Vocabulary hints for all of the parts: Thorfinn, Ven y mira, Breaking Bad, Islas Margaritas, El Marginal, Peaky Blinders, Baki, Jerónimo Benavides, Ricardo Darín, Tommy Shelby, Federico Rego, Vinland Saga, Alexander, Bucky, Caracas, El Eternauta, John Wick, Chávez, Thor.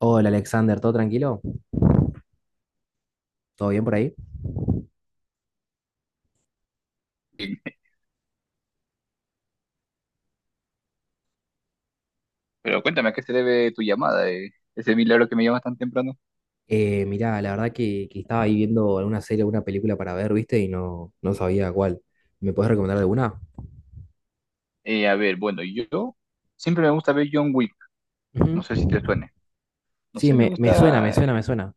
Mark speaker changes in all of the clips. Speaker 1: Hola Alexander, ¿todo tranquilo? ¿Todo bien por ahí?
Speaker 2: Bien. Pero cuéntame, ¿a qué se debe tu llamada? ¿Eh? Ese milagro que me llamas tan temprano.
Speaker 1: Mirá, la verdad que estaba ahí viendo alguna serie, alguna película para ver, ¿viste? Y no sabía cuál. ¿Me puedes recomendar alguna?
Speaker 2: A ver, bueno, yo siempre me gusta ver John Wick. No
Speaker 1: Ujú.
Speaker 2: sé si te suene. No
Speaker 1: Sí,
Speaker 2: sé, me
Speaker 1: me suena, me
Speaker 2: gusta.
Speaker 1: suena, me suena.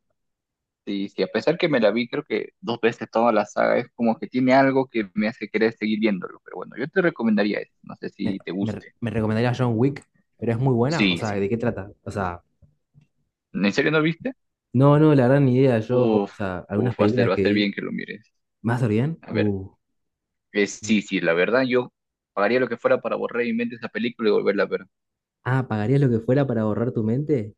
Speaker 2: Y si a pesar que me la vi, creo que dos veces toda la saga, es como que tiene algo que me hace querer seguir viéndolo. Pero bueno, yo te recomendaría eso. No sé
Speaker 1: Me,
Speaker 2: si te
Speaker 1: me, re-
Speaker 2: guste.
Speaker 1: me recomendaría John Wick, pero es muy buena. O
Speaker 2: Sí,
Speaker 1: sea,
Speaker 2: sí.
Speaker 1: ¿de qué trata? O sea,
Speaker 2: ¿En serio no viste?
Speaker 1: no, no, la verdad ni idea. Yo, o
Speaker 2: Uf,
Speaker 1: sea, algunas películas
Speaker 2: va a
Speaker 1: que
Speaker 2: ser bien
Speaker 1: vi.
Speaker 2: que lo mires.
Speaker 1: ¿Más o bien?
Speaker 2: A ver, sí, sí, la verdad, yo pagaría lo que fuera para borrar mi mente esa película y volverla a ver.
Speaker 1: Ah, ¿pagarías lo que fuera para borrar tu mente?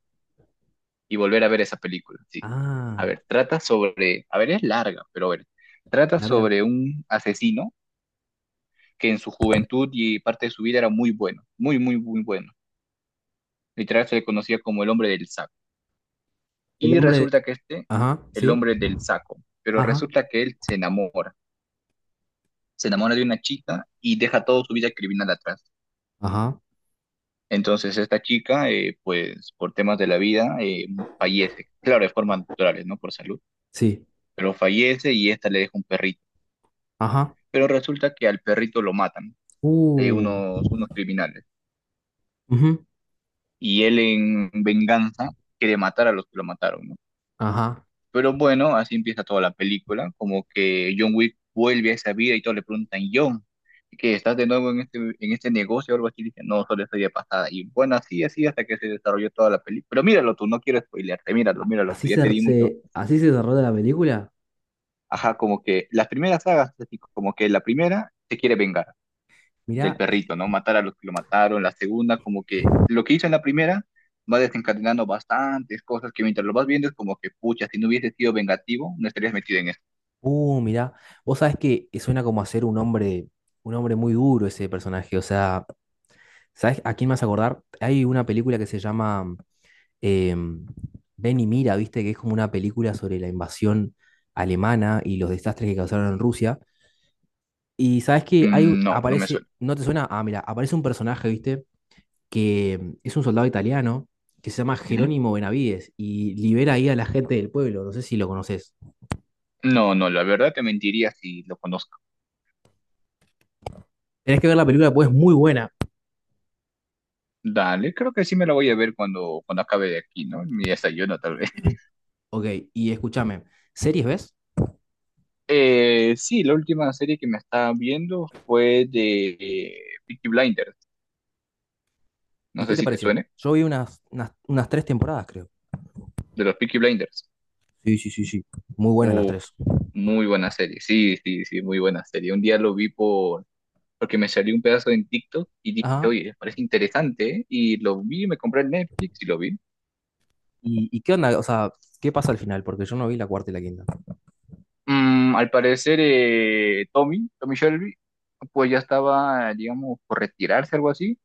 Speaker 2: Y volver a ver esa película, sí. A
Speaker 1: Ah,
Speaker 2: ver, trata sobre, a ver, es larga, pero a ver, trata
Speaker 1: larga.
Speaker 2: sobre un asesino que en su juventud y parte de su vida era muy bueno, muy, muy, muy bueno. Literal se le conocía como el hombre del saco.
Speaker 1: El
Speaker 2: Y
Speaker 1: hombre.
Speaker 2: resulta que este,
Speaker 1: Ajá,
Speaker 2: el
Speaker 1: sí.
Speaker 2: hombre del saco, pero
Speaker 1: Ajá,
Speaker 2: resulta que él se enamora de una chica y deja toda su vida criminal atrás.
Speaker 1: ajá,
Speaker 2: Entonces esta chica, pues por temas de la vida, fallece, claro, de forma natural, ¿no? Por salud,
Speaker 1: sí.
Speaker 2: pero fallece y esta le deja un perrito, pero resulta que al perrito lo matan,
Speaker 1: Uh,
Speaker 2: unos criminales,
Speaker 1: ujú,
Speaker 2: y él en venganza quiere matar a los que lo mataron, ¿no?
Speaker 1: ajá.
Speaker 2: Pero bueno, así empieza toda la película, como que John Wick vuelve a esa vida y todos le preguntan, John, ¿qué estás de nuevo en este negocio o algo así? Dice, no, solo estoy de pasada. Y bueno, así, así hasta que se desarrolló toda la película. Pero míralo tú, no quiero spoilearte, míralo,
Speaker 1: A-
Speaker 2: míralo
Speaker 1: Así
Speaker 2: tú, ya
Speaker 1: se,
Speaker 2: te di mucho.
Speaker 1: se- así se desarrolla la película.
Speaker 2: Ajá, como que las primeras sagas, así como que la primera se quiere vengar del
Speaker 1: Mirá,
Speaker 2: perrito, ¿no? Matar a los que lo mataron. La segunda, como que lo que hizo en la primera va desencadenando bastantes cosas que mientras lo vas viendo es como que, pucha, si no hubiese sido vengativo, no estarías metido en esto.
Speaker 1: mirá. Vos sabés que suena como hacer un hombre muy duro ese personaje. O sea, ¿sabés a quién me vas a acordar? Hay una película que se llama em, Ven y mira, ¿viste? Que es como una película sobre la invasión alemana y los desastres que causaron en Rusia. Y sabés que hay,
Speaker 2: Mm, no, no me
Speaker 1: aparece,
Speaker 2: suena.
Speaker 1: ¿no te suena? Ah, mira, aparece un personaje, ¿viste? Que es un soldado italiano que se llama
Speaker 2: Ujú.
Speaker 1: Jerónimo Benavides y libera ahí a la gente del pueblo. No sé si lo conoces.
Speaker 2: No, no, la verdad te mentiría si lo conozco.
Speaker 1: Tenés que ver la película, pues es muy buena.
Speaker 2: Dale, creo que sí me la voy a ver cuando, cuando acabe de aquí, ¿no? Mi desayuno, tal vez.
Speaker 1: Ok, y escúchame, ¿series ves?
Speaker 2: Sí, la última serie que me estaba viendo fue de Peaky Blinders. No
Speaker 1: ¿Y qué
Speaker 2: sé
Speaker 1: te
Speaker 2: si te
Speaker 1: pareció?
Speaker 2: suene,
Speaker 1: Yo vi unas tres temporadas, creo.
Speaker 2: de los Peaky Blinders.
Speaker 1: Sí, sí, sí, sí. Muy buenas las
Speaker 2: Uf,
Speaker 1: tres.
Speaker 2: Muy buena serie, sí, sí, sí, muy buena serie. Un día lo vi por, porque me salió un pedazo en TikTok y dije,
Speaker 1: Ajá.
Speaker 2: oye, parece interesante, ¿eh? Y lo vi, me compré el Netflix y lo vi.
Speaker 1: ¿Y qué onda? O sea, ¿qué pasa al final? Porque yo no vi la cuarta y la quinta.
Speaker 2: Mm, al parecer, Tommy, Tommy Shelby, pues ya estaba, digamos, por retirarse, algo así,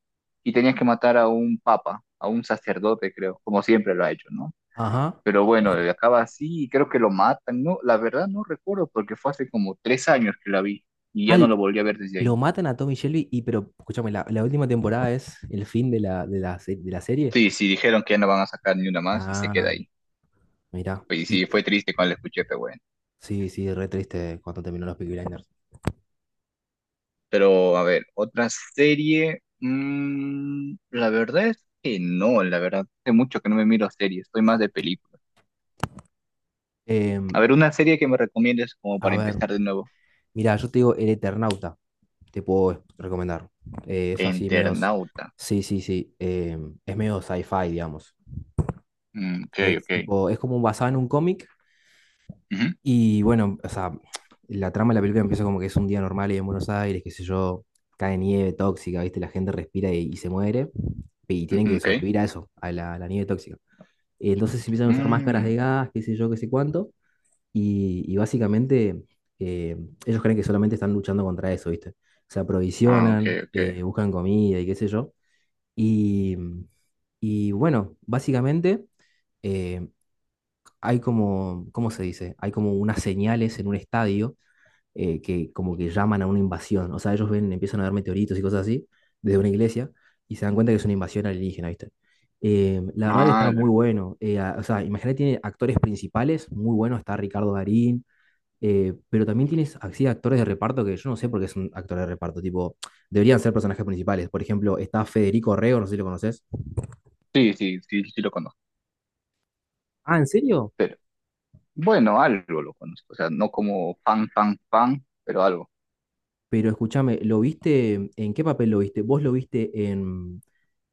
Speaker 2: y tenía que matar a un papa, a un sacerdote, creo, como siempre lo ha hecho, ¿no?
Speaker 1: Ajá.
Speaker 2: Pero bueno, acaba así y creo que lo matan, ¿no? La verdad no recuerdo porque fue hace como 3 años que la vi y ya no
Speaker 1: Al,
Speaker 2: lo volví a ver desde
Speaker 1: lo
Speaker 2: ahí.
Speaker 1: matan a Tommy Shelby y, pero, escúchame, la última temporada es el fin de la serie.
Speaker 2: Sí, sí, dijeron que ya no van a sacar ni una más y se queda
Speaker 1: Ah,
Speaker 2: ahí.
Speaker 1: mirá.
Speaker 2: Pues sí,
Speaker 1: Y
Speaker 2: fue triste cuando la escuché, pero bueno.
Speaker 1: sí, sí, re triste cuando terminó los Peaky Blinders.
Speaker 2: Pero a ver, otra serie. Mm, la verdad es que no, la verdad. Hace mucho que no me miro series, estoy más de películas.
Speaker 1: Em,
Speaker 2: A ver, una serie que me recomiendes como
Speaker 1: a
Speaker 2: para
Speaker 1: ver,
Speaker 2: empezar de nuevo.
Speaker 1: mira, yo te digo El Eternauta, te puedo recomendar. Es así, medio.
Speaker 2: Internauta.
Speaker 1: Sí, sí, sí. Es medio sci-fi, digamos.
Speaker 2: Mm, ok,
Speaker 1: Es
Speaker 2: ok.
Speaker 1: tipo, es como basado en un cómic.
Speaker 2: Ujú,
Speaker 1: Y bueno, o sea, la trama de la película empieza como que es un día normal y en Buenos Aires, qué sé yo, cae nieve tóxica, ¿viste? La gente respira y se muere. Y tienen
Speaker 2: ujú,
Speaker 1: que
Speaker 2: ok.
Speaker 1: sobrevivir a eso, a la nieve tóxica. Entonces empiezan a usar máscaras
Speaker 2: Mm,
Speaker 1: de gas, qué sé yo, qué sé cuánto. Y básicamente eh, ellos creen que solamente están luchando contra eso, ¿viste? Se
Speaker 2: ah, ok,
Speaker 1: aprovisionan,
Speaker 2: ok.
Speaker 1: buscan comida y qué sé yo. Y, y bueno, básicamente eh, hay como, ¿cómo se dice? Hay como unas señales en un estadio que como que llaman a una invasión. O sea, ellos ven, empiezan a ver meteoritos y cosas así desde una iglesia y se dan cuenta que es una invasión alienígena, ¿viste? La verdad que estaba muy
Speaker 2: Ala.
Speaker 1: bueno. O sea, imagínate, tiene actores principales muy buenos. Está Ricardo Darín, pero también tienes así actores de reparto que yo no sé por qué son actores de reparto, tipo, deberían ser personajes principales. Por ejemplo, está Federico Rego, no sé si lo conoces.
Speaker 2: Sí, sí, sí, sí lo conozco.
Speaker 1: Ah, ¿en serio?
Speaker 2: Pero bueno, algo lo conozco. O sea, no como fan, fan, fan, pero algo.
Speaker 1: Pero escúchame, ¿lo viste? ¿En qué papel lo viste? ¿Vos lo viste en,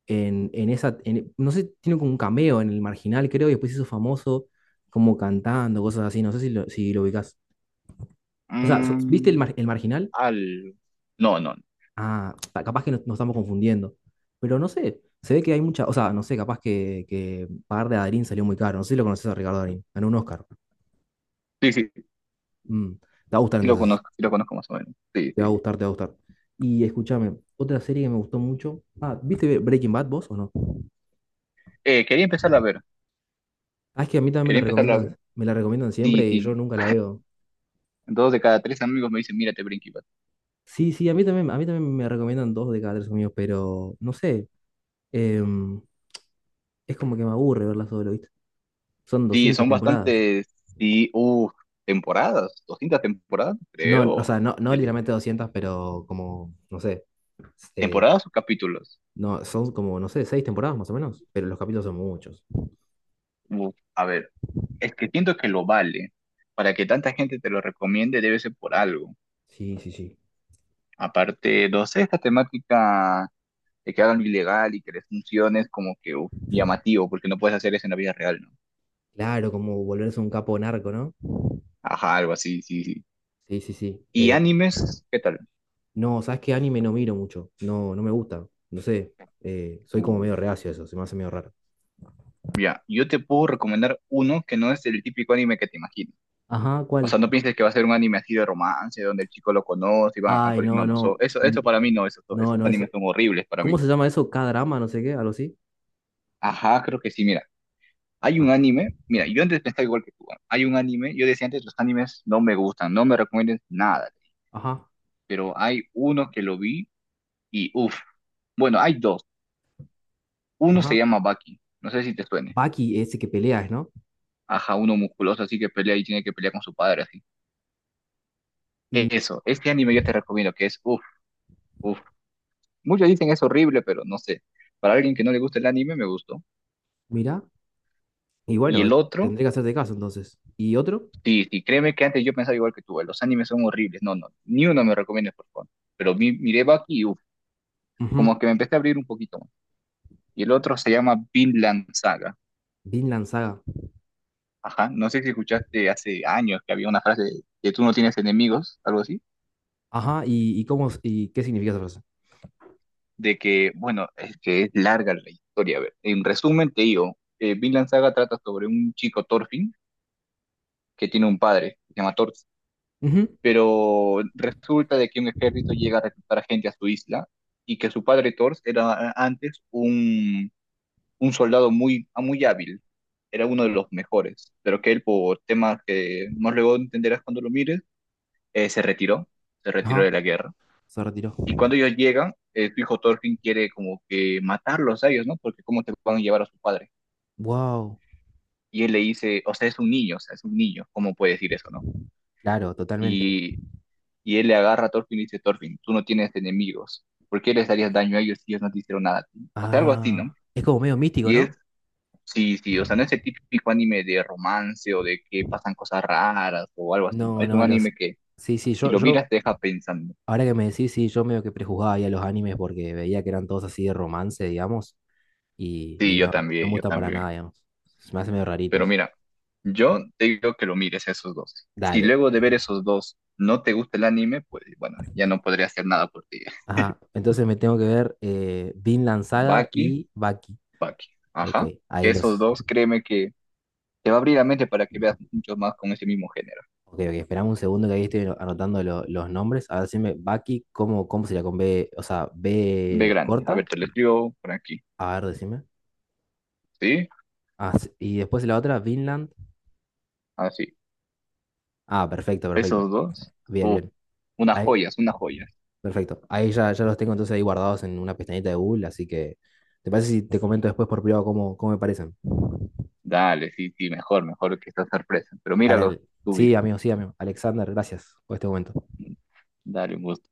Speaker 1: en esa, no sé, tiene como un cameo en El Marginal, creo, y después se hizo famoso como cantando, cosas así, no sé si lo, si lo ubicás. O sea, ¿viste el,
Speaker 2: Mm,
Speaker 1: El Marginal?
Speaker 2: al... No, no,
Speaker 1: Ah, capaz que nos estamos confundiendo. Pero no sé, se ve que hay mucha, o sea, no sé, capaz que pagar de Darín salió muy caro. No sé si lo conoces a Ricardo Darín. Ganó un Oscar.
Speaker 2: sí, sí,
Speaker 1: Mm, te va a gustar entonces.
Speaker 2: sí lo conozco más o menos. Sí,
Speaker 1: Te va a
Speaker 2: sí.
Speaker 1: gustar, te va a gustar. Y escúchame, otra serie que me gustó mucho. Ah, ¿viste Breaking Bad vos o no?
Speaker 2: Quería empezarla a ver,
Speaker 1: Ah, es que a mí también
Speaker 2: quería empezarla a ver.
Speaker 1: me la recomiendan siempre
Speaker 2: Sí,
Speaker 1: y yo
Speaker 2: sí.
Speaker 1: nunca la veo.
Speaker 2: Dos de cada tres amigos me dicen, mírate Breaking Bad.
Speaker 1: Sí, sí, a mí también me recomiendan dos de cada tres amigos, pero no sé, em, es como que me aburre verla solo, ¿viste? Son
Speaker 2: Sí,
Speaker 1: 200
Speaker 2: son
Speaker 1: temporadas.
Speaker 2: bastantes, sí, uff, temporadas, 200 temporadas,
Speaker 1: No, o
Speaker 2: creo.
Speaker 1: sea, no, no
Speaker 2: Sí,
Speaker 1: literalmente 200 pero como, no sé, eh,
Speaker 2: ¿temporadas o capítulos?
Speaker 1: no, son como, no sé, seis temporadas más o menos, pero los capítulos son muchos.
Speaker 2: Uf, a ver, es que siento que lo vale. Para que tanta gente te lo recomiende debe ser por algo.
Speaker 1: Sí, sí, sí.
Speaker 2: Aparte, no sé, esta temática de que hagan lo ilegal y que les funcione es como que uf, llamativo, porque no puedes hacer eso en la vida real, ¿no?
Speaker 1: Claro, como volverse un capo narco, ¿no?
Speaker 2: Ajá, algo así, sí, sí.
Speaker 1: Sí, sí, sí.
Speaker 2: ¿Y animes? ¿Qué tal?
Speaker 1: No, ¿sabes qué? Anime no miro mucho, no, no me gusta, no sé, soy como
Speaker 2: Uh,
Speaker 1: medio reacio a eso, se me hace medio raro.
Speaker 2: ya, yo te puedo recomendar uno que no es el típico anime que te imaginas.
Speaker 1: Ajá,
Speaker 2: O sea,
Speaker 1: ¿cuál?
Speaker 2: no pienses que va a ser un anime así de romance, donde el chico lo conoce y van al
Speaker 1: Ay,
Speaker 2: colegio. No,
Speaker 1: no,
Speaker 2: no,
Speaker 1: no,
Speaker 2: eso, eso para mí no, esos,
Speaker 1: no,
Speaker 2: esos
Speaker 1: no,
Speaker 2: animes
Speaker 1: eso,
Speaker 2: son horribles para
Speaker 1: ¿cómo
Speaker 2: mí.
Speaker 1: se llama eso? K-drama, no sé qué, algo así.
Speaker 2: Ajá, creo que sí, mira. Hay un
Speaker 1: Ah,
Speaker 2: anime, mira, yo antes pensaba igual que tú. ¿Ah? Hay un anime, yo decía antes, los animes no me gustan, no me recomiendan nada.
Speaker 1: ajá,
Speaker 2: Pero hay uno que lo vi y uff, bueno, hay dos. Uno se
Speaker 1: ajá.
Speaker 2: llama Bucky, no sé si te suene.
Speaker 1: Baki, ese que peleas, ¿no?
Speaker 2: Ajá, uno musculoso así que pelea y tiene que pelear con su padre así.
Speaker 1: Mm,
Speaker 2: Eso, este anime yo te recomiendo que es uff, uff. Muchos dicen es horrible, pero no sé. Para alguien que no le gusta el anime, me gustó.
Speaker 1: mira. Y
Speaker 2: Y
Speaker 1: bueno,
Speaker 2: el otro,
Speaker 1: tendré que hacerte caso entonces. ¿Y otro?
Speaker 2: sí, sí, créeme que antes yo pensaba igual que tú, los animes son horribles. No, no, ni uno me recomiendas, por favor. Pero miré Bucky y uff, como
Speaker 1: Ujú.
Speaker 2: que me empecé a abrir un poquito más. Y el otro se llama Vinland Saga.
Speaker 1: Vinland Saga.
Speaker 2: Ajá, no sé si escuchaste hace años que había una frase de que tú no tienes enemigos, algo así.
Speaker 1: Ajá, ¿y cómo, y qué significa esa frase?
Speaker 2: De que, bueno, es que es larga la historia. A ver, en resumen te digo, Vinland Saga trata sobre un chico Thorfinn que tiene un padre, que se llama Thor,
Speaker 1: Ujú.
Speaker 2: pero resulta de que un ejército llega a reclutar a gente a su isla y que su padre Thor era antes un soldado muy, muy hábil, era uno de los mejores, pero que él por temas que más luego entenderás cuando lo mires, eh, se retiró, se retiró
Speaker 1: Ajá,
Speaker 2: de la guerra.
Speaker 1: se retiró.
Speaker 2: Y cuando ellos llegan, tu hijo Thorfinn quiere como que matarlos a ellos, ¿no? Porque cómo te van a llevar a su padre.
Speaker 1: Wow,
Speaker 2: Y él le dice, o sea, es un niño, o sea, es un niño, ¿cómo puede decir eso, no?
Speaker 1: claro, totalmente.
Speaker 2: Y, y él le agarra a Thorfinn y dice, Thorfinn, tú no tienes enemigos, ¿por qué les harías daño a ellos si ellos no te hicieron nada a ti? O sea, algo así, ¿no?
Speaker 1: Ah, es como medio místico,
Speaker 2: Y
Speaker 1: ¿no?
Speaker 2: es, sí, sí, o sea, no es el típico anime de romance o de que pasan cosas raras o algo así, ¿no?
Speaker 1: No,
Speaker 2: Es un
Speaker 1: no, los...
Speaker 2: anime que
Speaker 1: Sí, sí,
Speaker 2: si
Speaker 1: yo,
Speaker 2: lo
Speaker 1: yo,
Speaker 2: miras te deja pensando.
Speaker 1: ahora que me decís, sí, yo medio que prejuzgaba ahí a los animes porque veía que eran todos así de romance, digamos, y,
Speaker 2: Sí,
Speaker 1: y
Speaker 2: yo
Speaker 1: no, no me
Speaker 2: también, yo
Speaker 1: gustan para
Speaker 2: también.
Speaker 1: nada, digamos. Se me hacen medio
Speaker 2: Pero
Speaker 1: raritos.
Speaker 2: mira, yo te digo que lo mires a esos dos. Si
Speaker 1: Dale.
Speaker 2: luego de ver esos dos no te gusta el anime, pues bueno, ya no podría hacer nada por ti.
Speaker 1: Ajá, entonces me tengo que ver Vinland Saga
Speaker 2: Baki,
Speaker 1: y Baki.
Speaker 2: Baki.
Speaker 1: Ok,
Speaker 2: Ajá.
Speaker 1: ahí
Speaker 2: Esos
Speaker 1: los.
Speaker 2: dos, créeme que te va a abrir la mente para que veas muchos más con ese mismo género.
Speaker 1: Ok, ok, esperame un segundo que ahí estoy anotando los nombres. A ver, decime, Baki, ¿cómo, cómo sería con B? O sea,
Speaker 2: Ve
Speaker 1: B
Speaker 2: grande. A ver,
Speaker 1: corta.
Speaker 2: te lo escribo por aquí.
Speaker 1: A ver, decime.
Speaker 2: ¿Sí?
Speaker 1: Ah, sí, y después la otra, Vinland.
Speaker 2: Así.
Speaker 1: Ah, perfecto, perfecto.
Speaker 2: Esos dos.
Speaker 1: Bien,
Speaker 2: Uf,
Speaker 1: bien.
Speaker 2: unas
Speaker 1: Ahí,
Speaker 2: joyas, unas joyas.
Speaker 1: perfecto. Ahí ya, ya los tengo entonces ahí guardados en una pestañita de Google, así que. ¿Te parece si te comento después por privado cómo, cómo me parecen?
Speaker 2: Dale, sí, sí, mejor, mejor que esta sorpresa. Pero
Speaker 1: Dale,
Speaker 2: míralos
Speaker 1: dale.
Speaker 2: tú
Speaker 1: Sí,
Speaker 2: mismo.
Speaker 1: amigo, sí, amigo. Alexander, gracias por este momento.
Speaker 2: Dale, un gusto.